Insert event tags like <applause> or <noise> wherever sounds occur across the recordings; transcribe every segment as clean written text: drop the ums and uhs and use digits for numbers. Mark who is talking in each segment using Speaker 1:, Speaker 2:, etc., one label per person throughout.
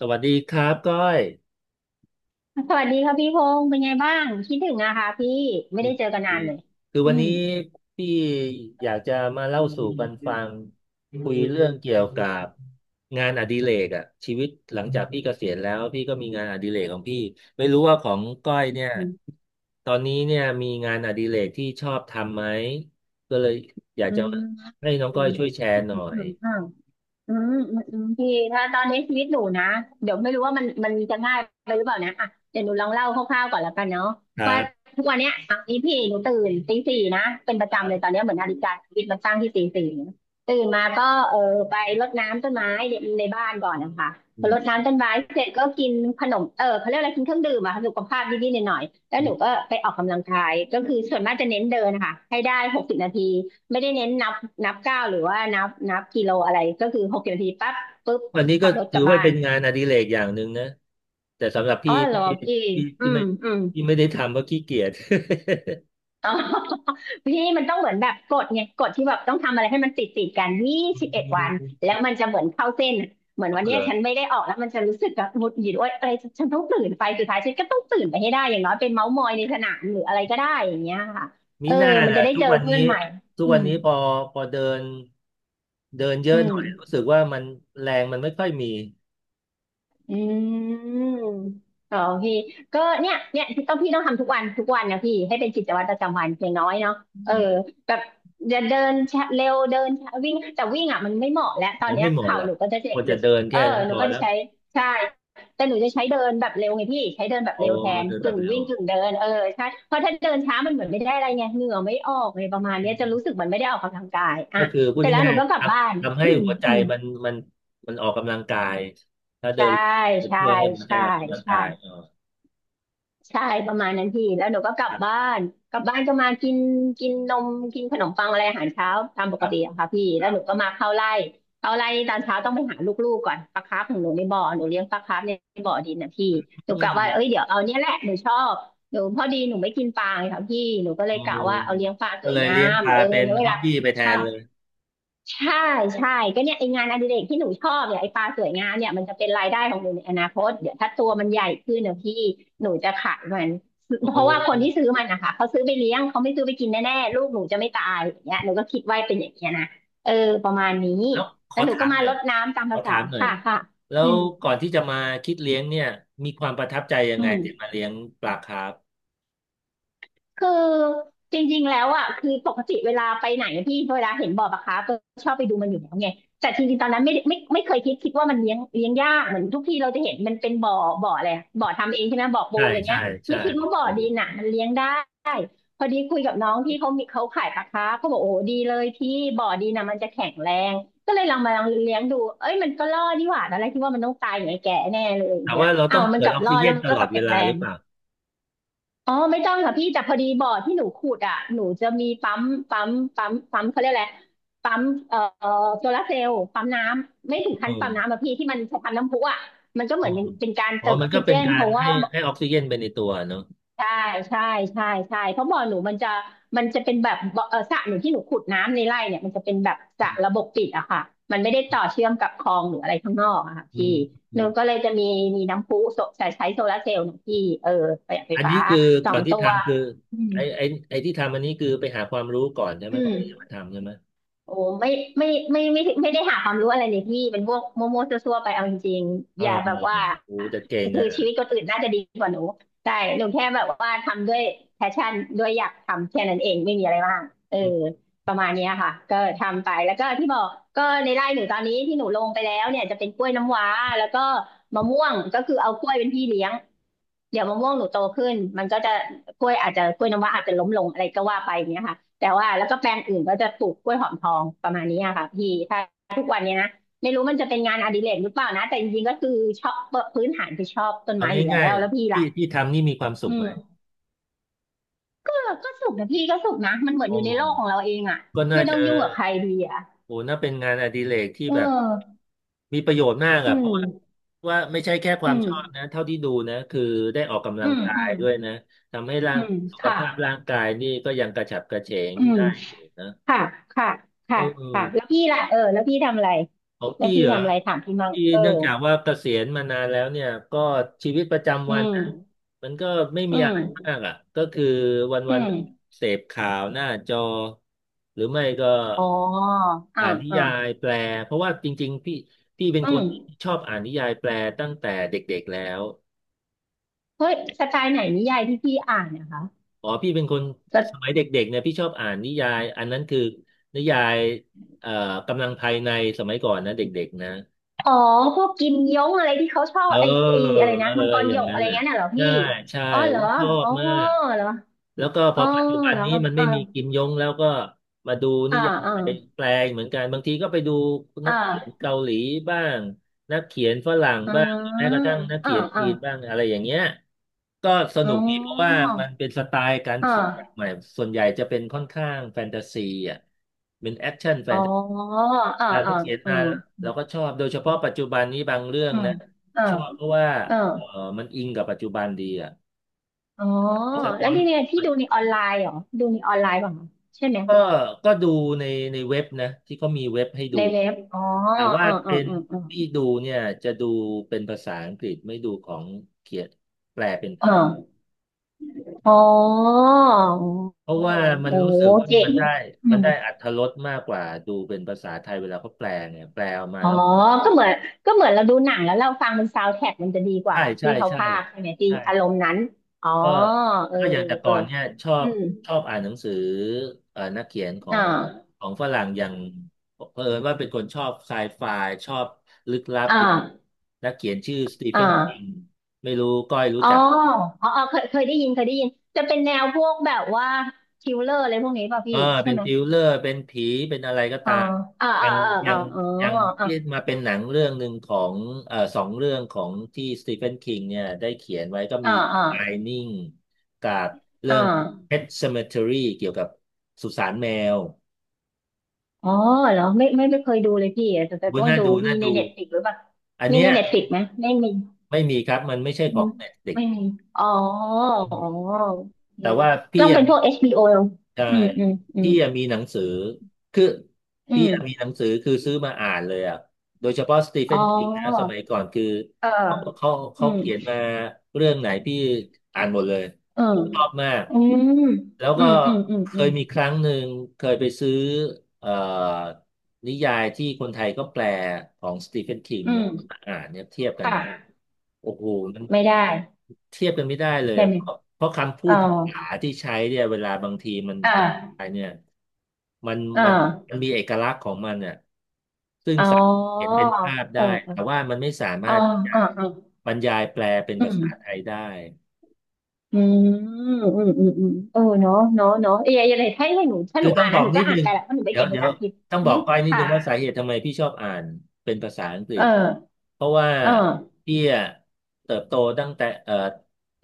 Speaker 1: สวัสดีครับก้อย
Speaker 2: สวัสดีค่ะพี่พงษ์เป็นไงบ้างคิดถึงนะคะพี่ไม่ได้เจอกันนานเลย
Speaker 1: คือ
Speaker 2: อื
Speaker 1: วัน
Speaker 2: ม
Speaker 1: นี้พี่อยากจะมาเล่าสู่กันฟังคุยเรื่องเกี่ยวกับงานอดิเรกอะชีวิตหลังจากพี่เกษียณแล้วพี่ก็มีงานอดิเรกของพี่ไม่รู้ว่าของก้อยเนี่ย
Speaker 2: อืม
Speaker 1: ตอนนี้เนี่ยมีงานอดิเรกที่ชอบทำไหมก็เลยอยาก
Speaker 2: อื
Speaker 1: จะ
Speaker 2: ม
Speaker 1: ให้น้อง
Speaker 2: อื
Speaker 1: ก้อย
Speaker 2: ม
Speaker 1: ช่วยแชร์ห
Speaker 2: อื
Speaker 1: น่อ
Speaker 2: ม
Speaker 1: ย
Speaker 2: พี่ถ้าตอนนี้ชีวิตหนูนะเดี๋ยวไม่รู้ว่ามันจะง่ายไปหรือเปล่านะอ่ะเดี๋ยวหนูลองเล่าคร่าวๆก่อนแล้วกันเนาะ
Speaker 1: ครั
Speaker 2: ว่า
Speaker 1: บ
Speaker 2: ทุกวันเนี้ยอ่ะอีพี่หนูตื่นตีสี่นะเป็นประ
Speaker 1: ครั
Speaker 2: จำเลย
Speaker 1: บ
Speaker 2: ตอนเนี้ยเหมือนนาฬิกาชีวิตมันตั้งที่ตีสี่เนี่ยตื่นมาก็เออไปรดน้ำต้นไม้ในบ้านก่อนนะคะ
Speaker 1: อื
Speaker 2: พอร
Speaker 1: ม
Speaker 2: ดน้ำต้นไม้เสร็จก็กินขนมเขาเรียกอะไรกินเครื่องดื่มอะสุขภาพนิดๆหน่อยๆแล้วหนูก็ไปออกกำลังกายก็คือส่วนมากจะเน้นเดินนะคะให้ได้หกสิบนาทีไม่ได้เน้นนับ นับก้าวหรือว่านับกิโลอะไรก็คือหกสิบนาทีปั๊บปุ๊บ
Speaker 1: อันนี้
Speaker 2: ขั
Speaker 1: ก็
Speaker 2: บรถก
Speaker 1: ถื
Speaker 2: ลั
Speaker 1: อ
Speaker 2: บ
Speaker 1: ว่า
Speaker 2: บ้าน
Speaker 1: เป็นงานอดิเรกอย่างหนึ่งนะแต่สำหรับ
Speaker 2: อ๋
Speaker 1: พี่
Speaker 2: อเหรอ
Speaker 1: พี่
Speaker 2: พี่
Speaker 1: พี่
Speaker 2: อื
Speaker 1: ที่
Speaker 2: ม
Speaker 1: ไม่
Speaker 2: อืม
Speaker 1: ที่ไม่ได้ทำเพราะขี้เกียจ <laughs>
Speaker 2: อ๋อ <laughs> พี่มันต้องเหมือนแบบกฎไงกฎที่แบบต้องทำอะไรให้มันติดกัน21 วันแล้วมันจะเหมือนเข้าเส้นเหมือน
Speaker 1: อ๋อ
Speaker 2: วัน
Speaker 1: เห
Speaker 2: เนี้
Speaker 1: ร
Speaker 2: ย
Speaker 1: อ
Speaker 2: ฉันไม่ได้ออกแล้วมันจะรู้สึกแบบหงุดหงิดว่าอะไรฉันต้องตื่นไปสุดท้ายฉันก็ต้องตื่นไปให้ได้อย่างน้อยเปนเมาส์มอยในสนามหรืออะไรก็ได้อย่างเงี้ยค่ะ
Speaker 1: มี
Speaker 2: เออ
Speaker 1: หน้า
Speaker 2: มันจะ
Speaker 1: นะ
Speaker 2: ได้
Speaker 1: ทุก
Speaker 2: เจอ
Speaker 1: วัน
Speaker 2: เพื่อน
Speaker 1: นี้
Speaker 2: ใหม่
Speaker 1: ทุก
Speaker 2: อื
Speaker 1: วัน
Speaker 2: ม
Speaker 1: นี้พอพอเดินเดินเย
Speaker 2: อื
Speaker 1: อะห
Speaker 2: ม
Speaker 1: น่อยรู้สึกว่ามันแรงมันไม่ค่อยมี
Speaker 2: อืมอ๋อพี่ก็เนี่ยพี่ต้องทำทุกวัน ทุกวันนะพี่ให้เป็นกิจวัตรประจำวันอย่างน้อยเนาะ
Speaker 1: อื
Speaker 2: เออ
Speaker 1: ม
Speaker 2: แบบจะเดินช้าเร็วเดินช้าวิ่งแต่วิ่งอ่ะมันไม่เหมาะแล้วตอ
Speaker 1: ผ
Speaker 2: น
Speaker 1: ม
Speaker 2: เนี้
Speaker 1: ไม่
Speaker 2: ย
Speaker 1: เหมาะ
Speaker 2: เข่า
Speaker 1: หรอ
Speaker 2: ห
Speaker 1: ก
Speaker 2: นูก็จะ
Speaker 1: ค
Speaker 2: เจ็บ
Speaker 1: วร
Speaker 2: หรื
Speaker 1: จะ
Speaker 2: อ
Speaker 1: เดิน
Speaker 2: เอ
Speaker 1: แค่
Speaker 2: อ
Speaker 1: นั้น
Speaker 2: ห
Speaker 1: พ
Speaker 2: นู
Speaker 1: อ
Speaker 2: ก็จะ
Speaker 1: แล้ว
Speaker 2: ใช้ใช่แต่หนูจะใช้เดินแบบเร็วไงพี่ ใช้เดินแบบ
Speaker 1: โอ้
Speaker 2: เร็วแทน
Speaker 1: เดินแบ
Speaker 2: กึ่
Speaker 1: บ
Speaker 2: ง
Speaker 1: เร็ว
Speaker 2: วิ่งกึ่งเดินใช่เพราะถ้าเดินช้ามันเหมือนไม่ได้อะไรไงเหงื่อไม่ออกเลยประมาณ
Speaker 1: อื
Speaker 2: เนี้ยจะรู้สึก
Speaker 1: ม
Speaker 2: เหมือนไม่ได้ออกกำลังกายอ่ะ
Speaker 1: ก็คือพู
Speaker 2: เส
Speaker 1: ด
Speaker 2: ร็จแล้วหนู
Speaker 1: ง่าย
Speaker 2: ก็ก
Speaker 1: ๆ
Speaker 2: ลั
Speaker 1: ท
Speaker 2: บบ้าน
Speaker 1: ำทำให้
Speaker 2: อืม
Speaker 1: หัวใจ
Speaker 2: อืม
Speaker 1: มันมันมันออกกำลังกายถ้าเดิ
Speaker 2: ใช่
Speaker 1: นจะ
Speaker 2: ใช่
Speaker 1: ช่วยให้หัวใจ
Speaker 2: ใช่
Speaker 1: ออกกำลัง
Speaker 2: ใช่
Speaker 1: กาย
Speaker 2: ใช่ประมาณนั้นพี่แล้วหนูก็กลับ
Speaker 1: ครั
Speaker 2: บ้า
Speaker 1: บ
Speaker 2: นกลับบ้านก็มากินกินนมกินขนมปังอะไรอาหารเช้าตามป
Speaker 1: ค
Speaker 2: ก
Speaker 1: รับ
Speaker 2: ติอะค่ะพี่
Speaker 1: ค
Speaker 2: แล้ว
Speaker 1: รับ
Speaker 2: หนูก็มาเข้าไร่เข้าไร่ตอนเช้าต้องไปหาลูกๆก่อนปลาคาร์ฟของหนูในบ่อหนูเลี้ยงปลาคาร์ฟในบ่อดินนะพี่ห
Speaker 1: อื
Speaker 2: นูกะว่าเอ้ย
Speaker 1: ม
Speaker 2: เดี๋ยวเอาเนี้ยแหละหนูชอบหนูพอดีหนูไม่กินปลาไงค่ะพี่หนูก็เล
Speaker 1: โอ
Speaker 2: ยกะว่าเอา
Speaker 1: ้
Speaker 2: เลี้ยงปลาส
Speaker 1: ก็
Speaker 2: วย
Speaker 1: เลย
Speaker 2: งา
Speaker 1: เลี้ยง
Speaker 2: ม
Speaker 1: ปลาเป็น
Speaker 2: แล้วเว
Speaker 1: ฮ็อ
Speaker 2: ลา
Speaker 1: บบี้ไปแท
Speaker 2: ใช่
Speaker 1: นเลย
Speaker 2: ใช่ใช่ก็เนี่ยไองานอดิเรกที่หนูชอบเนี่ยไอปลาสวยงามเนี่ยมันจะเป็นรายได้ของหนูในอนาคตเดี๋ยวถ้าตัวมันใหญ่ขึ้นนะพี่หนูจะขายมัน <laughs> เพ
Speaker 1: โอ
Speaker 2: ราะว่าคนที่
Speaker 1: ้
Speaker 2: ซื้อมันนะคะเขาซื้อไปเลี้ยงเขาไม่ซื้อไปกินแน่ๆลูกหนูจะไม่ตายอย่างเงี้ยหนูก็คิดไว้เป็นอย่างเงี้ยนะเออประมาณนี้
Speaker 1: แล้วข
Speaker 2: แล้
Speaker 1: อ
Speaker 2: วหนู
Speaker 1: ถา
Speaker 2: ก็
Speaker 1: มห
Speaker 2: มา
Speaker 1: น่อย
Speaker 2: รดน้ำตาม
Speaker 1: ขอ
Speaker 2: ภาษา
Speaker 1: ถามหน่อย
Speaker 2: ค่ะค่ะ
Speaker 1: แล้
Speaker 2: อื
Speaker 1: ว
Speaker 2: ม
Speaker 1: ก่อนที่จะมาคิดเลี้ยงเนี่ยมีความประทับใจยัง
Speaker 2: อื
Speaker 1: ไงถึง
Speaker 2: ม
Speaker 1: มาเลี้ยงปลาคาร์ฟ
Speaker 2: คือจริงๆ แล้วอ่ะคือปกติเวลาไปไหนพี่เวลาเห็นบ่อปลาคาร์ฟก็ชอบไปดูมันอยู่แล้วไงแต่จริงๆตอนนั้นไม่เคยคิดว่ามันเลี้ยงยากเหมือนทุกที่เราจะเห็นมันเป็นบ่ออะไรอะบ่อทำเองใช่ไหมบ่อปู
Speaker 1: ใช่
Speaker 2: นอะไร
Speaker 1: ใช่
Speaker 2: เงี้ย
Speaker 1: ใช่
Speaker 2: ไม่คิด
Speaker 1: บอ
Speaker 2: ว่า
Speaker 1: ก
Speaker 2: บ่อ
Speaker 1: เออ
Speaker 2: ดินอ่ะมันเลี้ยงได้พอดีคุยกับน้องที่เขามีเขาขายปลาคาร์ฟเขาบอกโอ้โหดีเลยพี่บ่อดินอ่ะมันจะแข็งแรงก็เลยลองมาลองเลี้ยงดูเอ้ยมันก็รอดนี่หว่าตอนแรกคิดว่ามันต้องตายอย่างไอ้แก่แน่เลยอย่า
Speaker 1: แต่
Speaker 2: งเงี้ย
Speaker 1: ว่าเรา
Speaker 2: อ้า
Speaker 1: ต้อ
Speaker 2: ว
Speaker 1: ง
Speaker 2: มัน
Speaker 1: เปิ
Speaker 2: ก
Speaker 1: ด
Speaker 2: ลับ
Speaker 1: ออก
Speaker 2: รอ
Speaker 1: ซิ
Speaker 2: ด
Speaker 1: เจ
Speaker 2: แล้ว
Speaker 1: น
Speaker 2: มัน
Speaker 1: ต
Speaker 2: ก็
Speaker 1: ลอ
Speaker 2: กลั
Speaker 1: ด
Speaker 2: บ
Speaker 1: เว
Speaker 2: แข็ง
Speaker 1: ลา
Speaker 2: แร
Speaker 1: หรื
Speaker 2: ง
Speaker 1: อเปล่า
Speaker 2: อ๋อไม่ต้องค่ะพี่แต่พอดีบ่อที่หนูขุดอ่ะหนูจะมีปั๊มปั๊มเขาเรียกอะไรปั๊มเอ่อโซลาร์เซลล์ปั๊มน้ำไม่ถึง
Speaker 1: เอ
Speaker 2: ขั้นปั๊
Speaker 1: อ
Speaker 2: มน้ำอะพี่ที่มันใช้ปั๊มน้ำพุอ่ะมันก็เห
Speaker 1: เอ
Speaker 2: มื
Speaker 1: อ
Speaker 2: อนเป็นการ
Speaker 1: อ๋อ
Speaker 2: เติม
Speaker 1: มั
Speaker 2: อ
Speaker 1: น
Speaker 2: อก
Speaker 1: ก็
Speaker 2: ซิเจ
Speaker 1: เป็น
Speaker 2: น
Speaker 1: กา
Speaker 2: เพ
Speaker 1: ร
Speaker 2: ราะว่า
Speaker 1: ให้ให้ออกซิเจนไปในตัวเนอะ
Speaker 2: ใช่ใช่ใช่ใช่เพราะบ่อหนูมันจะเป็นแบบบ่อสระหนูที่หนูขุดน้ำในไร่เนี่ยมันจะเป็นแบบสระระบบปิดอะค่ะมันไม่ได้ต่อเชื่อมกับคลองหรืออะไรข้างนอกอะค่ะ
Speaker 1: อื
Speaker 2: พี่
Speaker 1: ม
Speaker 2: หนูก็เลยจะมีน้ำพุโซใช้โซลาร์เซลล์หนูพี่เออประหยัดไฟ
Speaker 1: อัน
Speaker 2: ฟ้า
Speaker 1: นี้คือ
Speaker 2: สอ
Speaker 1: ก่อ
Speaker 2: ง
Speaker 1: นที่
Speaker 2: ตัว
Speaker 1: ทำคือไอ้ไอ้ไอ้ที่ทำอันนี้คือไปหาความรู้ก่อนใช่ไหม
Speaker 2: อื
Speaker 1: ก่อนที่จะ
Speaker 2: ม
Speaker 1: มาทำใช่ไหม
Speaker 2: โอ้ไม่ไม่ไม่ไม่ไม่ได้หาความรู้อะไรเลยพี่เป็นพวกโมวๆซั่วๆไปเอาจริง
Speaker 1: เอ
Speaker 2: ๆ
Speaker 1: อ
Speaker 2: อย่าแบบว่า
Speaker 1: โอ้แต่เก่ง
Speaker 2: คื
Speaker 1: อ่ะ
Speaker 2: อชีวิตคนอื่นน่าจะดีกว่าหนูใช่หนูแค่แบบว่าทำด้วยแพชชั่นด้วยอยากทำแค่นั้นเองไม่มีอะไรมากเออ
Speaker 1: อืม
Speaker 2: ประมาณเนี้ยค่ะก็ทำไปแล้วก็ที่บอกก็ในไร่หนูตอนนี้ที่หนูลงไปแล้วเนี่ยจะเป็นกล้วยน้ำว้าแล้วก็มะม่วงก็คือเอากล้วยเป็นพี่เลี้ยงเดี๋ยวมะม่วงหนูโตขึ้นมันก็จะกล้วยอาจจะกล้วยน้ำว้าอาจจะล้มลงอะไรก็ว่าไปอย่างเงี้ยค่ะ แต่ว่าแล้วก็แปลงอื่นก็จะปลูกกล้วยหอมทองประมาณนี้อะค่ะพี่ถ้าทุกวันเนี้ยนะไม่รู้มันจะเป็นงานอดิเรกหรือเปล่านะแต่จริงๆก็คือชอบพื้นฐานคือชอบต้น
Speaker 1: เอา
Speaker 2: ไม้อยู่แล้
Speaker 1: ง่าย
Speaker 2: วแล้วพี่
Speaker 1: ๆ
Speaker 2: ล่ะ
Speaker 1: ที่ที่ทำนี่มีความสุ
Speaker 2: อื
Speaker 1: ขไหม
Speaker 2: มเออก็สุขนะพี่ก็สุขนะมันเหมือน
Speaker 1: โอ้
Speaker 2: อยู่ในโลกของเราเองอ่ะ
Speaker 1: ก็น่า
Speaker 2: ไม่ต้
Speaker 1: จะ
Speaker 2: องยุ่งกับใครดีอ่ะ
Speaker 1: โอ้น่าเป็นงานอดิเรกที่
Speaker 2: เอ
Speaker 1: แบบ
Speaker 2: อ
Speaker 1: มีประโยชน์มาก
Speaker 2: อื
Speaker 1: อ่ะเพ
Speaker 2: ม
Speaker 1: ราะว่าว่าไม่ใช่แค่ค
Speaker 2: อื
Speaker 1: วาม
Speaker 2: ม
Speaker 1: ชอบนะเท่าที่ดูนะคือได้ออกกำลั
Speaker 2: อื
Speaker 1: ง
Speaker 2: ม
Speaker 1: กา
Speaker 2: อื
Speaker 1: ย
Speaker 2: ม
Speaker 1: ด้วยนะทำให้ร่า
Speaker 2: อื
Speaker 1: ง
Speaker 2: ม
Speaker 1: สุข
Speaker 2: ค่ะ
Speaker 1: ภาพร่างกายนี่ก็ยังกระฉับกระเฉง
Speaker 2: อืม
Speaker 1: ได้อยู่นะ
Speaker 2: ค่ะค่ะค่ะ
Speaker 1: เอ
Speaker 2: ค่ะแล้
Speaker 1: อ
Speaker 2: วพี่ล่ะเออแล้วพี่ทำอะไร
Speaker 1: ของ
Speaker 2: แล้ว
Speaker 1: ตี้
Speaker 2: พี่
Speaker 1: เหรอ
Speaker 2: ทำอะไรถามพี่มั่ง
Speaker 1: ที่
Speaker 2: เออ
Speaker 1: เนื่องจากว่าเกษียณมานานแล้วเนี่ยก็ชีวิตประ
Speaker 2: อื
Speaker 1: จำวัน
Speaker 2: ม
Speaker 1: นะมันก็ไม่
Speaker 2: อื
Speaker 1: มีอะไร
Speaker 2: ม
Speaker 1: มากอ่ะก็คือว
Speaker 2: อื
Speaker 1: ัน
Speaker 2: ม
Speaker 1: ๆเสพข่าวหน้าจอหรือไม่ก็
Speaker 2: อ๋ออ่า
Speaker 1: อ่านนิ
Speaker 2: อ่า
Speaker 1: ยายแปลเพราะว่าจริงๆพี่เป็น
Speaker 2: อื
Speaker 1: ค
Speaker 2: ม
Speaker 1: นที่ชอบอ่านนิยายแปลตั้งแต่เด็กๆแล้ว
Speaker 2: เฮ้ยสไตล์ไหนนิยายที่พี่อ่านนะคะ
Speaker 1: อ๋อพี่เป็นคนส
Speaker 2: แต่
Speaker 1: มัยเด็กๆเนี่ยพี่ชอบอ่านนิยายอันนั้นคือนิยายเอ่อกำลังภายในสมัยก่อนนะเด็กๆนะ
Speaker 2: อ๋อพวกกิมยงอะไรที่เขาชอบ
Speaker 1: เออ
Speaker 2: ไอไออะไรนะ
Speaker 1: อะไร
Speaker 2: มังกร
Speaker 1: อ
Speaker 2: หย
Speaker 1: ย่าง
Speaker 2: ก
Speaker 1: นั้
Speaker 2: อะ
Speaker 1: น
Speaker 2: ไร
Speaker 1: แหละ
Speaker 2: เงี้ยน่ะเหรอ
Speaker 1: ใช่
Speaker 2: พี่
Speaker 1: ใช่
Speaker 2: อ๋อเหร
Speaker 1: อุ๊
Speaker 2: อ
Speaker 1: ยชอบ
Speaker 2: อ๋อ
Speaker 1: มาก
Speaker 2: เหรอ
Speaker 1: แล้วก็พ
Speaker 2: อ๋อ
Speaker 1: อปัจจุบัน
Speaker 2: เหรอ
Speaker 1: นี้มันไม่
Speaker 2: เอ่า
Speaker 1: มีกิมยงแล้วก็มาดูนิ
Speaker 2: อ่า
Speaker 1: ยาย
Speaker 2: อ่า
Speaker 1: แปลเหมือนกันบางทีก็ไปดูนักเขียน
Speaker 2: อ่า
Speaker 1: เกาหลีบ้างนักเขียนฝรั่ง
Speaker 2: อ่
Speaker 1: บ้างแม้
Speaker 2: า
Speaker 1: กระทั่งนัก
Speaker 2: อ่า
Speaker 1: เขียน
Speaker 2: อ่า
Speaker 1: จีนบ้างอะไรอย่างเงี้ยก็ส
Speaker 2: อ๋
Speaker 1: นุกดีเพราะว่า
Speaker 2: อ
Speaker 1: มันเป็นสไตล์การ
Speaker 2: อ
Speaker 1: เขียน
Speaker 2: ่า
Speaker 1: ใหม่ส่วนใหญ่จะเป็นค่อนข้างแฟนตาซีอ่ะเป็นแอคชั่นแฟ
Speaker 2: อ๋อ
Speaker 1: น
Speaker 2: อ่า
Speaker 1: เราก็
Speaker 2: อ่า
Speaker 1: เขียน
Speaker 2: อื
Speaker 1: มา
Speaker 2: มอื
Speaker 1: เรา
Speaker 2: ม
Speaker 1: ก็ชอบโดยเฉพาะปัจจุบันนี้บางเรื่อง
Speaker 2: อืม
Speaker 1: นะ
Speaker 2: เออ
Speaker 1: ชอบเพราะว่า
Speaker 2: เออ
Speaker 1: เออมันอิงกับปัจจุบันดีอ่ะ
Speaker 2: อ๋อ
Speaker 1: สะ
Speaker 2: แล้
Speaker 1: ท้อ
Speaker 2: ว
Speaker 1: น
Speaker 2: นี่เนี่ยพี่
Speaker 1: ปัจ
Speaker 2: ดู
Speaker 1: จุ
Speaker 2: ในอ
Speaker 1: บั
Speaker 2: อ
Speaker 1: น
Speaker 2: นไลน์เหรอดูในออนไลน์เปล่าใช่ไหม
Speaker 1: ก็ก็ดูในในเว็บนะที่เขามีเว็บให้ดู
Speaker 2: ในเล็บอ๋อ
Speaker 1: แต่ว่า
Speaker 2: เออเออ
Speaker 1: เป็น
Speaker 2: เออเออ
Speaker 1: ที่ดูเนี่ยจะดูเป็นภาษาอังกฤษไม่ดูของเขียนแปลเป็นไท
Speaker 2: เอ
Speaker 1: ย
Speaker 2: ออ๋ออ๋อ
Speaker 1: เพราะ
Speaker 2: โอ้
Speaker 1: ว่ามัน
Speaker 2: โห
Speaker 1: รู้สึกว่า
Speaker 2: เจ๋
Speaker 1: มั
Speaker 2: ง
Speaker 1: นได้
Speaker 2: อื
Speaker 1: มัน
Speaker 2: ม
Speaker 1: ได้อรรถรสมากกว่าดูเป็นภาษาไทยเวลาเขาแปลเนี่ยแปลออกมา
Speaker 2: อ๋อ
Speaker 1: แล้ว
Speaker 2: ก็เหมือน ก็เหมือนเราดูหนังแล้วเราฟังเป็นซาวด์แทร็กมันจะดีก
Speaker 1: ใช่
Speaker 2: ว่า
Speaker 1: ใช่
Speaker 2: ที่เขา
Speaker 1: ใช่
Speaker 2: พากย์ใช่ไหมที่
Speaker 1: ใช่
Speaker 2: อารมณ์นั้นอ๋อ
Speaker 1: ก็
Speaker 2: เออ
Speaker 1: ก็อ
Speaker 2: เอ
Speaker 1: ย่า
Speaker 2: อ
Speaker 1: งแต่
Speaker 2: เอ
Speaker 1: ก่อ
Speaker 2: อ
Speaker 1: นเนี่ยชอ
Speaker 2: อื
Speaker 1: บ
Speaker 2: ม
Speaker 1: ชอบอ่านหนังสือนักเขียนขอ
Speaker 2: อ่
Speaker 1: ง
Speaker 2: า
Speaker 1: ของฝรั่งอย่างเผอิญว่าเป็นคนชอบไซไฟชอบลึกลับ
Speaker 2: อ่
Speaker 1: อย่าง
Speaker 2: า
Speaker 1: นักเขียนชื่อสตีเฟน i ิง
Speaker 2: อ่า
Speaker 1: ไม่รู้ก้อยรู้
Speaker 2: อ๋อ
Speaker 1: จัก
Speaker 2: อ๋ออ๋อเคยเคยได้ยินเคยได้ยิน จะเป็นแนวพวกแบบว่าคิลเลอร์อะไรพวกนี้ป่ะ
Speaker 1: เอ
Speaker 2: พี่
Speaker 1: อ
Speaker 2: ใช่
Speaker 1: เป็น
Speaker 2: ไหม
Speaker 1: ทริลเลอร์เป็นผีเป็นอะไรก็
Speaker 2: อ๋
Speaker 1: ตา
Speaker 2: อ
Speaker 1: ม
Speaker 2: อ่า
Speaker 1: อ
Speaker 2: อ่า
Speaker 1: ย่าง
Speaker 2: อ่า
Speaker 1: อย่า
Speaker 2: อ่า
Speaker 1: ง
Speaker 2: อ๋อ
Speaker 1: อย่าง
Speaker 2: อ่า
Speaker 1: ที่มาเป็นหนังเรื่องหนึ่งของสองเรื่องของที่สตีเฟนคิงเนี่ยได้เขียนไว้ก็
Speaker 2: อ่
Speaker 1: มีไ h
Speaker 2: า
Speaker 1: นิ่งกับเรื่
Speaker 2: อ่
Speaker 1: อง
Speaker 2: า
Speaker 1: Pet Cemetery เอมอีทีอาร์วายเกี่ยวกับสุสานแมว
Speaker 2: อ๋อเหรอไม่ไม่ไม่เคยดูเลยพี่แต่แต่
Speaker 1: ดู
Speaker 2: ต้อง
Speaker 1: น่า
Speaker 2: ดู
Speaker 1: ดู
Speaker 2: มี
Speaker 1: น่า
Speaker 2: ใน
Speaker 1: ดู
Speaker 2: เน็ตฟลิกหรือเปล่า
Speaker 1: อัน
Speaker 2: มี
Speaker 1: เนี้
Speaker 2: ใน
Speaker 1: ย
Speaker 2: เน็ตฟลิกไหมไม่มี
Speaker 1: ไม่มีครับมันไม่ใช่
Speaker 2: อื
Speaker 1: ข
Speaker 2: ม
Speaker 1: อง n e t f l i
Speaker 2: ไม่มีอ๋อ
Speaker 1: อื
Speaker 2: อ๋
Speaker 1: ม
Speaker 2: ออื
Speaker 1: แต่
Speaker 2: ม
Speaker 1: ว่า
Speaker 2: ต้
Speaker 1: พี่
Speaker 2: องเป็
Speaker 1: อัะ
Speaker 2: นพวก HBO อชบี
Speaker 1: ใช่
Speaker 2: โออืมอืมอื
Speaker 1: พี่
Speaker 2: ม
Speaker 1: อะมีหนังสือคือ
Speaker 2: อื
Speaker 1: พี่อัะมี
Speaker 2: ม
Speaker 1: หนังสือคือซื้อมาอ่านเลยอ่ะโดยเฉพาะสตีเฟ
Speaker 2: อ๋อ
Speaker 1: นคิงนะสมัยก่อนคือ
Speaker 2: เออ
Speaker 1: เขาเขา
Speaker 2: อื
Speaker 1: เขา
Speaker 2: ม
Speaker 1: เขียนมาเรื่องไหนพี่อ่านหมดเลย
Speaker 2: เออ
Speaker 1: ชอบมาก
Speaker 2: อืม
Speaker 1: แล้ว
Speaker 2: อื
Speaker 1: ก็
Speaker 2: มอืมอืม
Speaker 1: เค
Speaker 2: อื
Speaker 1: ย
Speaker 2: ม
Speaker 1: มีครั้งหนึ่งเคยไปซื้อเอ่อนิยายที่คนไทยก็แปลของสตีเฟนคิง
Speaker 2: อื
Speaker 1: เนี่ย
Speaker 2: ม
Speaker 1: มาอ่านเนี่ยเทียบ
Speaker 2: ค
Speaker 1: กันนะ
Speaker 2: ่ะ
Speaker 1: โอ้โหมัน
Speaker 2: ไม่ได้
Speaker 1: เทียบกันไม่ได้เลย
Speaker 2: ใช่
Speaker 1: อะ
Speaker 2: ไหม
Speaker 1: เพราะเพราะคำพู
Speaker 2: อ๋อ
Speaker 1: ดภาษาที่ใช้เนี่ยเวลาบางทีมัน
Speaker 2: อ่
Speaker 1: อธิบา
Speaker 2: า
Speaker 1: ยเนี่ยมัน
Speaker 2: อ่
Speaker 1: มันมั
Speaker 2: า
Speaker 1: นมีเอกลักษณ์ของมันเนี่ยซึ่ง
Speaker 2: อ๋อ
Speaker 1: สา เห็นเป็นภาพ
Speaker 2: เอ
Speaker 1: ได้
Speaker 2: อเออ
Speaker 1: แต่ว่ามันไม่สามา
Speaker 2: อ๋อ
Speaker 1: รถจะ
Speaker 2: อ๋ออ๋อ
Speaker 1: บรรยายแปลเป็น
Speaker 2: อื
Speaker 1: ภา
Speaker 2: ม
Speaker 1: ษาไทยได้
Speaker 2: อืมอืมเออเออย่าไลถ้าให้หนูถ้า
Speaker 1: คื
Speaker 2: ห
Speaker 1: อ
Speaker 2: นู
Speaker 1: ต้อ
Speaker 2: อ่า
Speaker 1: ง
Speaker 2: น
Speaker 1: บอ
Speaker 2: นะห
Speaker 1: ก
Speaker 2: นู
Speaker 1: นิ
Speaker 2: ก็
Speaker 1: ด
Speaker 2: อ่า
Speaker 1: นึ
Speaker 2: น
Speaker 1: ง
Speaker 2: ไปแหละเพราะหนูไม่
Speaker 1: เดี๋ยว
Speaker 2: เก่งภา
Speaker 1: เดี๋ยว
Speaker 2: ษาอังกฤษ
Speaker 1: ต้อง
Speaker 2: อื
Speaker 1: บอก
Speaker 2: ม
Speaker 1: ก้อยนิด
Speaker 2: ค่ะ
Speaker 1: นึงว่าสาเหตุทำไมพี่ชอบอ่านเป็นภาษาอังกฤ
Speaker 2: เอ
Speaker 1: ษ
Speaker 2: อ
Speaker 1: เพราะว่า
Speaker 2: เออ
Speaker 1: พี่อะเติบโตตั้งแต่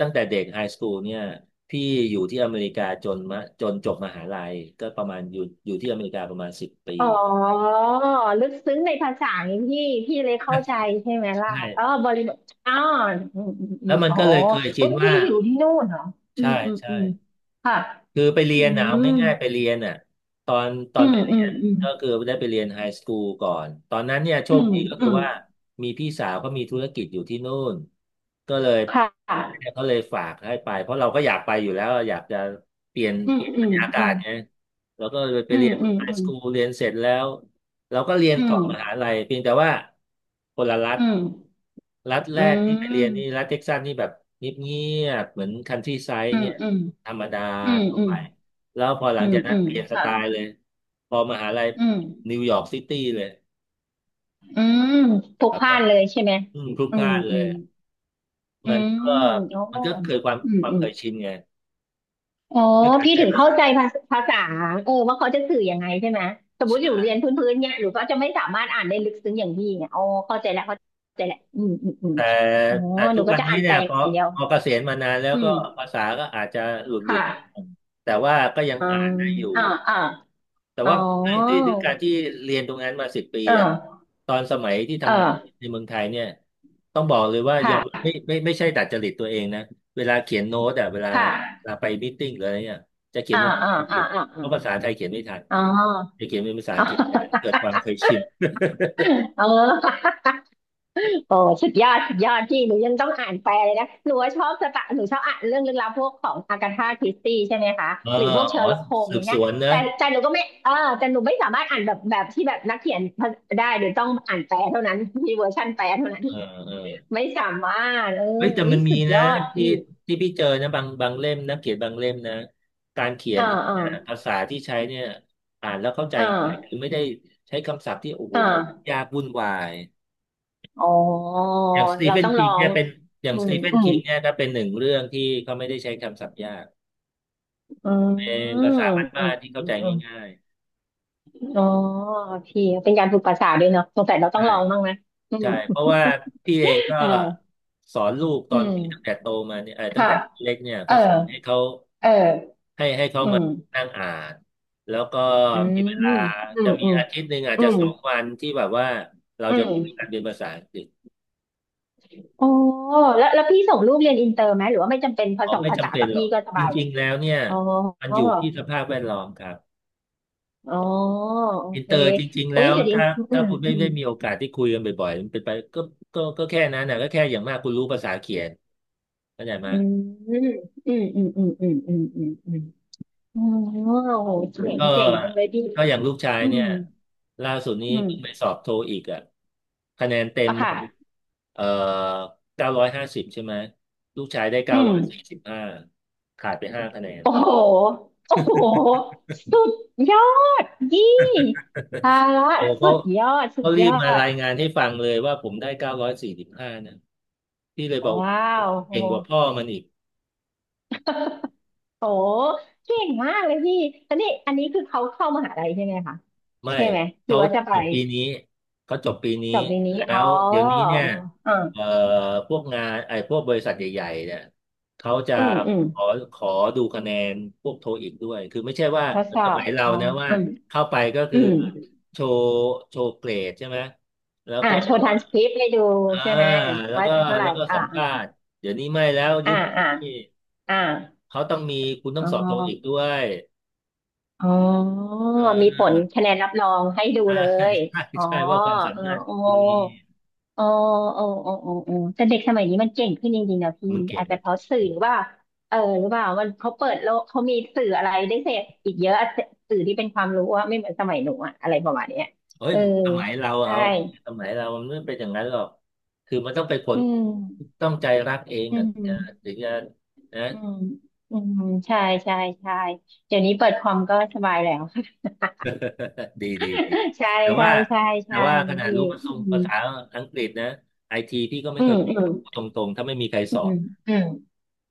Speaker 1: ตั้งแต่เด็กไฮสคูลเนี่ยพี่อยู่ที่อเมริกาจนมาจนจบมหาลัยก็ประมาณอยู่ที่อเมริกาประมาณสิบปี
Speaker 2: อ๋อลึกซึ้งในภาษาอย่างพี่พี่เลยเข้าใจใช่ไหมล่ะ
Speaker 1: ใช่
Speaker 2: อ๋อบริบทอ๋ออืมอืมอื
Speaker 1: แล้ว
Speaker 2: ม
Speaker 1: มัน
Speaker 2: อ๋อ
Speaker 1: ก็เลยเคยชิ
Speaker 2: เว้
Speaker 1: น
Speaker 2: ยพี่
Speaker 1: ว่า
Speaker 2: อยู่ที่นู่นเหรออื
Speaker 1: ใช่
Speaker 2: มอืม
Speaker 1: ใช่
Speaker 2: อืมค่ะ
Speaker 1: คือไปเรี
Speaker 2: อื
Speaker 1: ยนน่ะเอา
Speaker 2: ม
Speaker 1: ง่ายๆไปเรียนน่ะตอนตอ
Speaker 2: อื
Speaker 1: น
Speaker 2: ม
Speaker 1: ไปเรี
Speaker 2: อื
Speaker 1: ย
Speaker 2: ม
Speaker 1: น
Speaker 2: อืม
Speaker 1: ก็คือได้ไปเรียนไฮสคูลก่อนตอนนั้นเนี่ยโช
Speaker 2: อื
Speaker 1: ค
Speaker 2: ม
Speaker 1: ดีก็
Speaker 2: อื
Speaker 1: คือ
Speaker 2: ม
Speaker 1: ว่ามีพี่สาวเขามีธุรกิจอยู่ที่นู่นก็เลย
Speaker 2: ค่ะ
Speaker 1: เขาเลยฝากให้ไปเพราะเราก็อยากไปอยู่แล้วอยากจะเปลี่ยน
Speaker 2: อื
Speaker 1: เป
Speaker 2: ม
Speaker 1: ลี่ยน
Speaker 2: อื
Speaker 1: บร
Speaker 2: ม
Speaker 1: รยากา
Speaker 2: อืม
Speaker 1: ศไงแล้วก็เลยไป
Speaker 2: อื
Speaker 1: เรี
Speaker 2: ม
Speaker 1: ยน
Speaker 2: อืม
Speaker 1: ไฮ
Speaker 2: อื
Speaker 1: ส
Speaker 2: ม
Speaker 1: คูลเรียนเสร็จแล้วเราก็เรียน
Speaker 2: อื
Speaker 1: ต่อ
Speaker 2: ม
Speaker 1: มหาลัยเพียงแต่ว่าคนละรัฐ
Speaker 2: อืม
Speaker 1: รัฐแร
Speaker 2: อื
Speaker 1: กที่ไปเรียนนี่
Speaker 2: ม
Speaker 1: รัฐเท็กซัสนี่แบบเงียบๆเหมือนคันทรีไซด์
Speaker 2: อืม
Speaker 1: เงี้ย
Speaker 2: อืม
Speaker 1: ธรรมดา
Speaker 2: อืม
Speaker 1: ทั่ว
Speaker 2: อื
Speaker 1: ไป
Speaker 2: ม
Speaker 1: แล้วพอหลั
Speaker 2: อื
Speaker 1: ง
Speaker 2: ม
Speaker 1: จากนั้
Speaker 2: อื
Speaker 1: น
Speaker 2: ม
Speaker 1: เปลี่ยนสไต
Speaker 2: ค่ะ
Speaker 1: ล์เลยพอมหาลัย
Speaker 2: อืม
Speaker 1: นิวยอร์กซิตี้เลย
Speaker 2: อืมพลุก
Speaker 1: แบ
Speaker 2: พ
Speaker 1: บ
Speaker 2: ล่า
Speaker 1: ว่า
Speaker 2: นเลยใช่ไหม
Speaker 1: พ่พลุก
Speaker 2: อื
Speaker 1: พ
Speaker 2: ม
Speaker 1: ล่านเล
Speaker 2: อื
Speaker 1: ย
Speaker 2: มอื
Speaker 1: มัน
Speaker 2: ม
Speaker 1: ก็
Speaker 2: โอ้
Speaker 1: มันก็เกิดความ
Speaker 2: อืม
Speaker 1: ความ
Speaker 2: อื
Speaker 1: เค
Speaker 2: ม
Speaker 1: ยชินไง
Speaker 2: อ๋อ
Speaker 1: ด้วยการ
Speaker 2: พี่
Speaker 1: ใช้
Speaker 2: ถึง
Speaker 1: ภา
Speaker 2: เข้า
Speaker 1: ษา
Speaker 2: ใจภาษาภาษาเออว่าเขาจะสื่อยังไงใช่ไหมสมมติอยู่เรียน
Speaker 1: ใช่
Speaker 2: พื้นๆเนี่ยหรือเขาจะไม่สามารถอ่านได้ลึกซึ้งอย่างพี่เนี่ยอ๋อเข้าใจแล้วเข้าใจแล้วอืม
Speaker 1: แต่
Speaker 2: อ๋อ
Speaker 1: แต่
Speaker 2: ห
Speaker 1: ทุ
Speaker 2: นู
Speaker 1: ก
Speaker 2: ก็
Speaker 1: วัน
Speaker 2: จะ
Speaker 1: นี้
Speaker 2: อ่านไป
Speaker 1: เนี่ยพอ
Speaker 2: อย่างเดียว
Speaker 1: พอเกษียณมานานแล้ว
Speaker 2: อื
Speaker 1: ก็
Speaker 2: ม
Speaker 1: ภาษาก็อาจจะหลุดห
Speaker 2: ค
Speaker 1: ลุด
Speaker 2: ่ะ
Speaker 1: แต่ว่าก็ยัง
Speaker 2: อื
Speaker 1: อ่า
Speaker 2: ม
Speaker 1: นได้อยู่
Speaker 2: อ่าอ่า
Speaker 1: แต่
Speaker 2: อ๋อ
Speaker 1: ว่าด้วยการที่เรียนตรงนั้นมาสิบปี
Speaker 2: เออ
Speaker 1: อะตอนสมัยที่
Speaker 2: เอ
Speaker 1: ทำงาน
Speaker 2: อ
Speaker 1: ในเมืองไทยเนี่ยต้องบอกเลยว่าย
Speaker 2: ค่
Speaker 1: อม
Speaker 2: ะ
Speaker 1: ไม่ใช่ดัดจริตตัวเองนะเวลาเขียนโน้ตอะเวลา
Speaker 2: ค
Speaker 1: เว
Speaker 2: ่ะ
Speaker 1: ลาไปมีตติ้งหรืออะไรเนี่ยจะเขียน
Speaker 2: อ่า
Speaker 1: เป็น
Speaker 2: อ่า
Speaker 1: ภาษาอังก
Speaker 2: อ่า
Speaker 1: ฤษ
Speaker 2: อ่า
Speaker 1: เพ
Speaker 2: อ่า
Speaker 1: ราะภาษาไทยเขียนไม่ทัน
Speaker 2: อ๋อ
Speaker 1: จะเขียนเป็นภาษา
Speaker 2: <laughs>
Speaker 1: อั
Speaker 2: อ๋
Speaker 1: งกฤษแต่เกิด
Speaker 2: อ
Speaker 1: ความเคยชิน
Speaker 2: เออโอ้สุดยอดสุดยอดพี่หนูยังต้องอ่านแปลเลยนะหนูว่าชอบสตะหนูชอบอ่านเรื่องลึกลับพวกของอากาธาคริสตี้ใช่ไหมคะ
Speaker 1: เออ
Speaker 2: หรือพวกเช
Speaker 1: อ๋อ
Speaker 2: อร์ล็อกโฮม
Speaker 1: สื
Speaker 2: อ
Speaker 1: บ
Speaker 2: ย่าง
Speaker 1: ส
Speaker 2: เงี้ย
Speaker 1: วนนะ
Speaker 2: แต่แต่หนูก็ไม่เออแต่หนูไม่สามารถอ่านแบบแบบที่แบบนักเขียนได้หนูต้องอ่านแปลเท่านั้นมีเวอร์ชันแปลเท่านั้น
Speaker 1: เออเออ
Speaker 2: ไม่สามารถเออ
Speaker 1: เฮ้ยแต่มั
Speaker 2: วิ
Speaker 1: นมี
Speaker 2: สุดย
Speaker 1: นะ
Speaker 2: อด
Speaker 1: ที่
Speaker 2: พี่
Speaker 1: ที่พี่เจอนะบางเล่มนะเขียนบางเล่มนะการเขียน
Speaker 2: อ่าอ่า
Speaker 1: เนี่ยภาษาที่ใช้เนี่ยอ่านแล้วเข้าใจ
Speaker 2: อ
Speaker 1: ง่าย
Speaker 2: ่า
Speaker 1: คือไม่ได้ใช้คำศัพท์ที่โอ้โห
Speaker 2: อ่า
Speaker 1: ยากวุ่นวาย
Speaker 2: อ๋อ
Speaker 1: อย่างสตี
Speaker 2: เรา
Speaker 1: เฟน
Speaker 2: ต้องล
Speaker 1: คิ
Speaker 2: อ
Speaker 1: งเนี่
Speaker 2: ง
Speaker 1: ยเป็นอย่าง
Speaker 2: อื
Speaker 1: ส
Speaker 2: ม
Speaker 1: ตีเฟน
Speaker 2: อืม
Speaker 1: คิงเนี่ยก็เป็นหนึ่งเรื่องที่เขาไม่ได้ใช้คำศัพท์ยาก
Speaker 2: อื
Speaker 1: เป็น
Speaker 2: มอื
Speaker 1: ภา
Speaker 2: ม
Speaker 1: ษาบ้านๆที่เข้า
Speaker 2: อื
Speaker 1: ใจ
Speaker 2: ม
Speaker 1: ง่าย
Speaker 2: อ๋อพี่เป็นการฝึกภาษาด้วยเนาะสงสัยเรา
Speaker 1: ๆ
Speaker 2: ต้อ
Speaker 1: ใช่
Speaker 2: งลองบ้างนะอืม
Speaker 1: ใช่เพราะว่าพี่เองก็
Speaker 2: เออ
Speaker 1: สอนลูกต
Speaker 2: อื
Speaker 1: อนที่ตั้ง
Speaker 2: ม
Speaker 1: แต่โตมาเนี่ยเออตั้ง
Speaker 2: ค่ะ
Speaker 1: แต่เล็กเนี่ย
Speaker 2: เอ
Speaker 1: ก็
Speaker 2: อ
Speaker 1: สอนให้เขา
Speaker 2: เออ
Speaker 1: ให้เขา
Speaker 2: อื
Speaker 1: มา
Speaker 2: ม
Speaker 1: นั่งอ่านแล้วก็
Speaker 2: อืม
Speaker 1: มีเว
Speaker 2: อื
Speaker 1: ลา
Speaker 2: มอื
Speaker 1: จะ
Speaker 2: ม
Speaker 1: มีอาทิตย์หนึ่งอาจ
Speaker 2: อื
Speaker 1: จะ
Speaker 2: ม
Speaker 1: 2 วันที่แบบว่าเรา
Speaker 2: อื
Speaker 1: จะ
Speaker 2: มอ
Speaker 1: คุยกั
Speaker 2: ม
Speaker 1: นเป็นภาษาอังกฤษ
Speaker 2: อ๋อแล้วแล้วพี่ส่งลูกเรียนอินเตอร์ไหมหรือว่าไม่จำเป็นพอ
Speaker 1: อ๋อ
Speaker 2: ส่ง
Speaker 1: ไม่
Speaker 2: ภาษา
Speaker 1: จำเป็น
Speaker 2: กับ
Speaker 1: หรอ
Speaker 2: พี่
Speaker 1: ก
Speaker 2: ก็ส
Speaker 1: จ
Speaker 2: บายเล
Speaker 1: ริ
Speaker 2: ย
Speaker 1: งๆแล้วเนี่ย
Speaker 2: อ๋อ
Speaker 1: มันอยู่ที่สภาพแวดล้อมครับ
Speaker 2: อ๋อโอ
Speaker 1: อิน
Speaker 2: เค
Speaker 1: เตอร์จริงๆ
Speaker 2: อุ้
Speaker 1: แล้
Speaker 2: ย
Speaker 1: ว
Speaker 2: เดี๋ยวดิ
Speaker 1: ถ้า
Speaker 2: อืม
Speaker 1: คุณไม่
Speaker 2: อืม
Speaker 1: ได้มีโอกาสที่คุยกันบ่อยๆมันเป็นไปก็ก็แค่นั้นนะก็แค่อย่างมากคุณรู้ภาษาเขียนเข้าใจไหม
Speaker 2: อืมอืมอืมอืมอืมอืมอืมอืมอ๋อโหเจ๋ง
Speaker 1: ก็
Speaker 2: เจ๋งจังเลยพี่
Speaker 1: ก็อย่างลูกชาย
Speaker 2: อืม
Speaker 1: เนี่ยล่าสุดนี้
Speaker 2: อืม
Speaker 1: เพิ่งไปสอบโทอีกอ่ะคะแนนเต็ม
Speaker 2: อะ
Speaker 1: มัน
Speaker 2: ค่ะ
Speaker 1: เอ่อ950ใช่ไหมลูกชายได้
Speaker 2: อื
Speaker 1: เก้า
Speaker 2: ม
Speaker 1: ร้อยสี่สิบห้าขาดไป5 คะแนน
Speaker 2: โอ้โหโอ้โห สุดยอดยี่ภาระ
Speaker 1: โอ้
Speaker 2: สุ
Speaker 1: เขา
Speaker 2: ดยอดสุ
Speaker 1: เขา
Speaker 2: ด
Speaker 1: รี
Speaker 2: ยอ
Speaker 1: บมา
Speaker 2: ด
Speaker 1: รายงานให้ฟังเลยว่าผมได้เก้าร้อยสี่สิบห้านะพี่เลยบอก
Speaker 2: ว้าว โอ้โห
Speaker 1: เก่งกว่าพ่อมันอีก
Speaker 2: โอ้โหเก่งมากเลยพี่อันนี้อันนี้คือเขาเข้ามหาลัยใช่ไหมคะ
Speaker 1: ไม่
Speaker 2: ใช่ไหม หรื
Speaker 1: เขา
Speaker 2: อว่าจะไป
Speaker 1: จบปีนี้เขาจบปีนี้
Speaker 2: จบในนี้
Speaker 1: แล้
Speaker 2: อ๋อ
Speaker 1: วเดี๋ยวนี้เนี่ย
Speaker 2: อ่า
Speaker 1: เอ่อพวกงานไอ้พวกบริษัทใหญ่ๆเนี่ยเขาจะ
Speaker 2: อืม อืม
Speaker 1: ขอขอดูคะแนนพวกโทอีกด้วยคือไม่ใช่ว่า
Speaker 2: ทดส
Speaker 1: ส
Speaker 2: อบ
Speaker 1: มัยเรา
Speaker 2: อ๋อ
Speaker 1: นะว่า
Speaker 2: อืม
Speaker 1: เข้าไปก็คือ
Speaker 2: อืม
Speaker 1: โชว์โชว์เกรดใช่ไหมแล้ว
Speaker 2: อ่า
Speaker 1: ก็
Speaker 2: โชว์ทรานสคริปต์ให้ดู
Speaker 1: อ่า
Speaker 2: ใช่ไหม
Speaker 1: แล้ว
Speaker 2: ว่า
Speaker 1: ก็
Speaker 2: จะเท่าไหร่อ่า
Speaker 1: สัมภาษณ์เดี๋ยวนี้ไม่แล้วยุ
Speaker 2: อ่า
Speaker 1: ค
Speaker 2: อ่า
Speaker 1: นี้
Speaker 2: อ่า
Speaker 1: เขาต้องมีคุณต้อ
Speaker 2: อ๋
Speaker 1: ง
Speaker 2: อ
Speaker 1: สอบโทอีกด้วย
Speaker 2: อ๋อ
Speaker 1: อ่
Speaker 2: มี
Speaker 1: า
Speaker 2: ผลคะแนนรับรองให้ดู
Speaker 1: ใช
Speaker 2: เลย
Speaker 1: ่
Speaker 2: อ๋อ
Speaker 1: ใช่ว่าความสา
Speaker 2: เออ
Speaker 1: มารถ
Speaker 2: โอ้
Speaker 1: คุณมี
Speaker 2: โอ้โอ้โอ้โอ้โอ้แต่เด็กสมัยนี้มันเก่งขึ้นจริงๆนะพี่
Speaker 1: มันเก่ง
Speaker 2: อาจ
Speaker 1: มั
Speaker 2: จะ
Speaker 1: น
Speaker 2: เพ
Speaker 1: เก่
Speaker 2: ราะสื่อ
Speaker 1: ง
Speaker 2: หรือว่าเออหรือเปล่ามันเขาเปิดโลกเขามีสื่ออะไรได้เสพอีกเยอะสื่อที่เป็นความรู้ว่าไม่เหมือนสมัยหนูอะอะไรประมาณเนี้ย
Speaker 1: เอ้ย
Speaker 2: เออ
Speaker 1: สมัยเรา
Speaker 2: ใช่
Speaker 1: เอาสมัยเรามันไม่เป็นอย่างนั้นหรอกคือมันต้องไปข
Speaker 2: อื
Speaker 1: น
Speaker 2: ม
Speaker 1: ต้องใจรักเอง
Speaker 2: อื
Speaker 1: อ่ะ
Speaker 2: มอื
Speaker 1: ถึงจะนะ
Speaker 2: มอืมใช่ใช่ใช่เดี๋ยวนี้เปิดคอมก็สบายแล้ว
Speaker 1: ดีดีดี
Speaker 2: <laughs> ใช่
Speaker 1: แต่
Speaker 2: ใช่
Speaker 1: ว่า
Speaker 2: ใช่
Speaker 1: แต่
Speaker 2: ใช่
Speaker 1: ว่า
Speaker 2: ค
Speaker 1: ข
Speaker 2: รับ
Speaker 1: นาด
Speaker 2: พี่
Speaker 1: รู้ภาษาอังกฤษนะไอทีพี่ก็ไม่
Speaker 2: อื
Speaker 1: เค
Speaker 2: ม
Speaker 1: ยเก่
Speaker 2: อื
Speaker 1: งห
Speaker 2: ม
Speaker 1: รอกพูดตรงๆถ้าไม่มีใคร
Speaker 2: อื
Speaker 1: สอ
Speaker 2: ม
Speaker 1: น
Speaker 2: อืม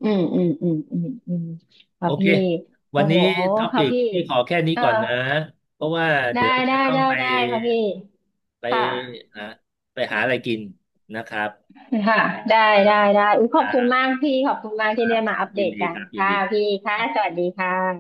Speaker 2: อืมอืมอืมอืมอืมค
Speaker 1: โอ
Speaker 2: รับ
Speaker 1: เค
Speaker 2: พี่
Speaker 1: วั
Speaker 2: โอ้
Speaker 1: นนี้
Speaker 2: โห
Speaker 1: ท็อ
Speaker 2: ครั
Speaker 1: ปิ
Speaker 2: บ
Speaker 1: ก
Speaker 2: พี่
Speaker 1: พี่ขอแค่นี้
Speaker 2: เออ
Speaker 1: ก่อนนะเพราะว่า
Speaker 2: ได้
Speaker 1: เดี๋ยว
Speaker 2: ได้
Speaker 1: จะต้อง
Speaker 2: ได้
Speaker 1: ไป
Speaker 2: ได้ครับพี่
Speaker 1: ไป
Speaker 2: ค่ะ
Speaker 1: อ่ะหาอะไรกินนะครับ
Speaker 2: ค่ะได้ได้ได้อุ๊ยข
Speaker 1: ค
Speaker 2: อบ
Speaker 1: รั
Speaker 2: คุณมาก
Speaker 1: บ
Speaker 2: พี่ขอบคุณมาก
Speaker 1: ค
Speaker 2: ที่
Speaker 1: รั
Speaker 2: ได้
Speaker 1: บค
Speaker 2: มา
Speaker 1: รั
Speaker 2: อั
Speaker 1: บ
Speaker 2: ปเด
Speaker 1: ยิน
Speaker 2: ต
Speaker 1: ดี
Speaker 2: กั
Speaker 1: ค
Speaker 2: น
Speaker 1: รับยิน
Speaker 2: ค่ะ
Speaker 1: ดี
Speaker 2: พี่
Speaker 1: ค
Speaker 2: ค่ะ
Speaker 1: รับ
Speaker 2: สวัสดีค่ะ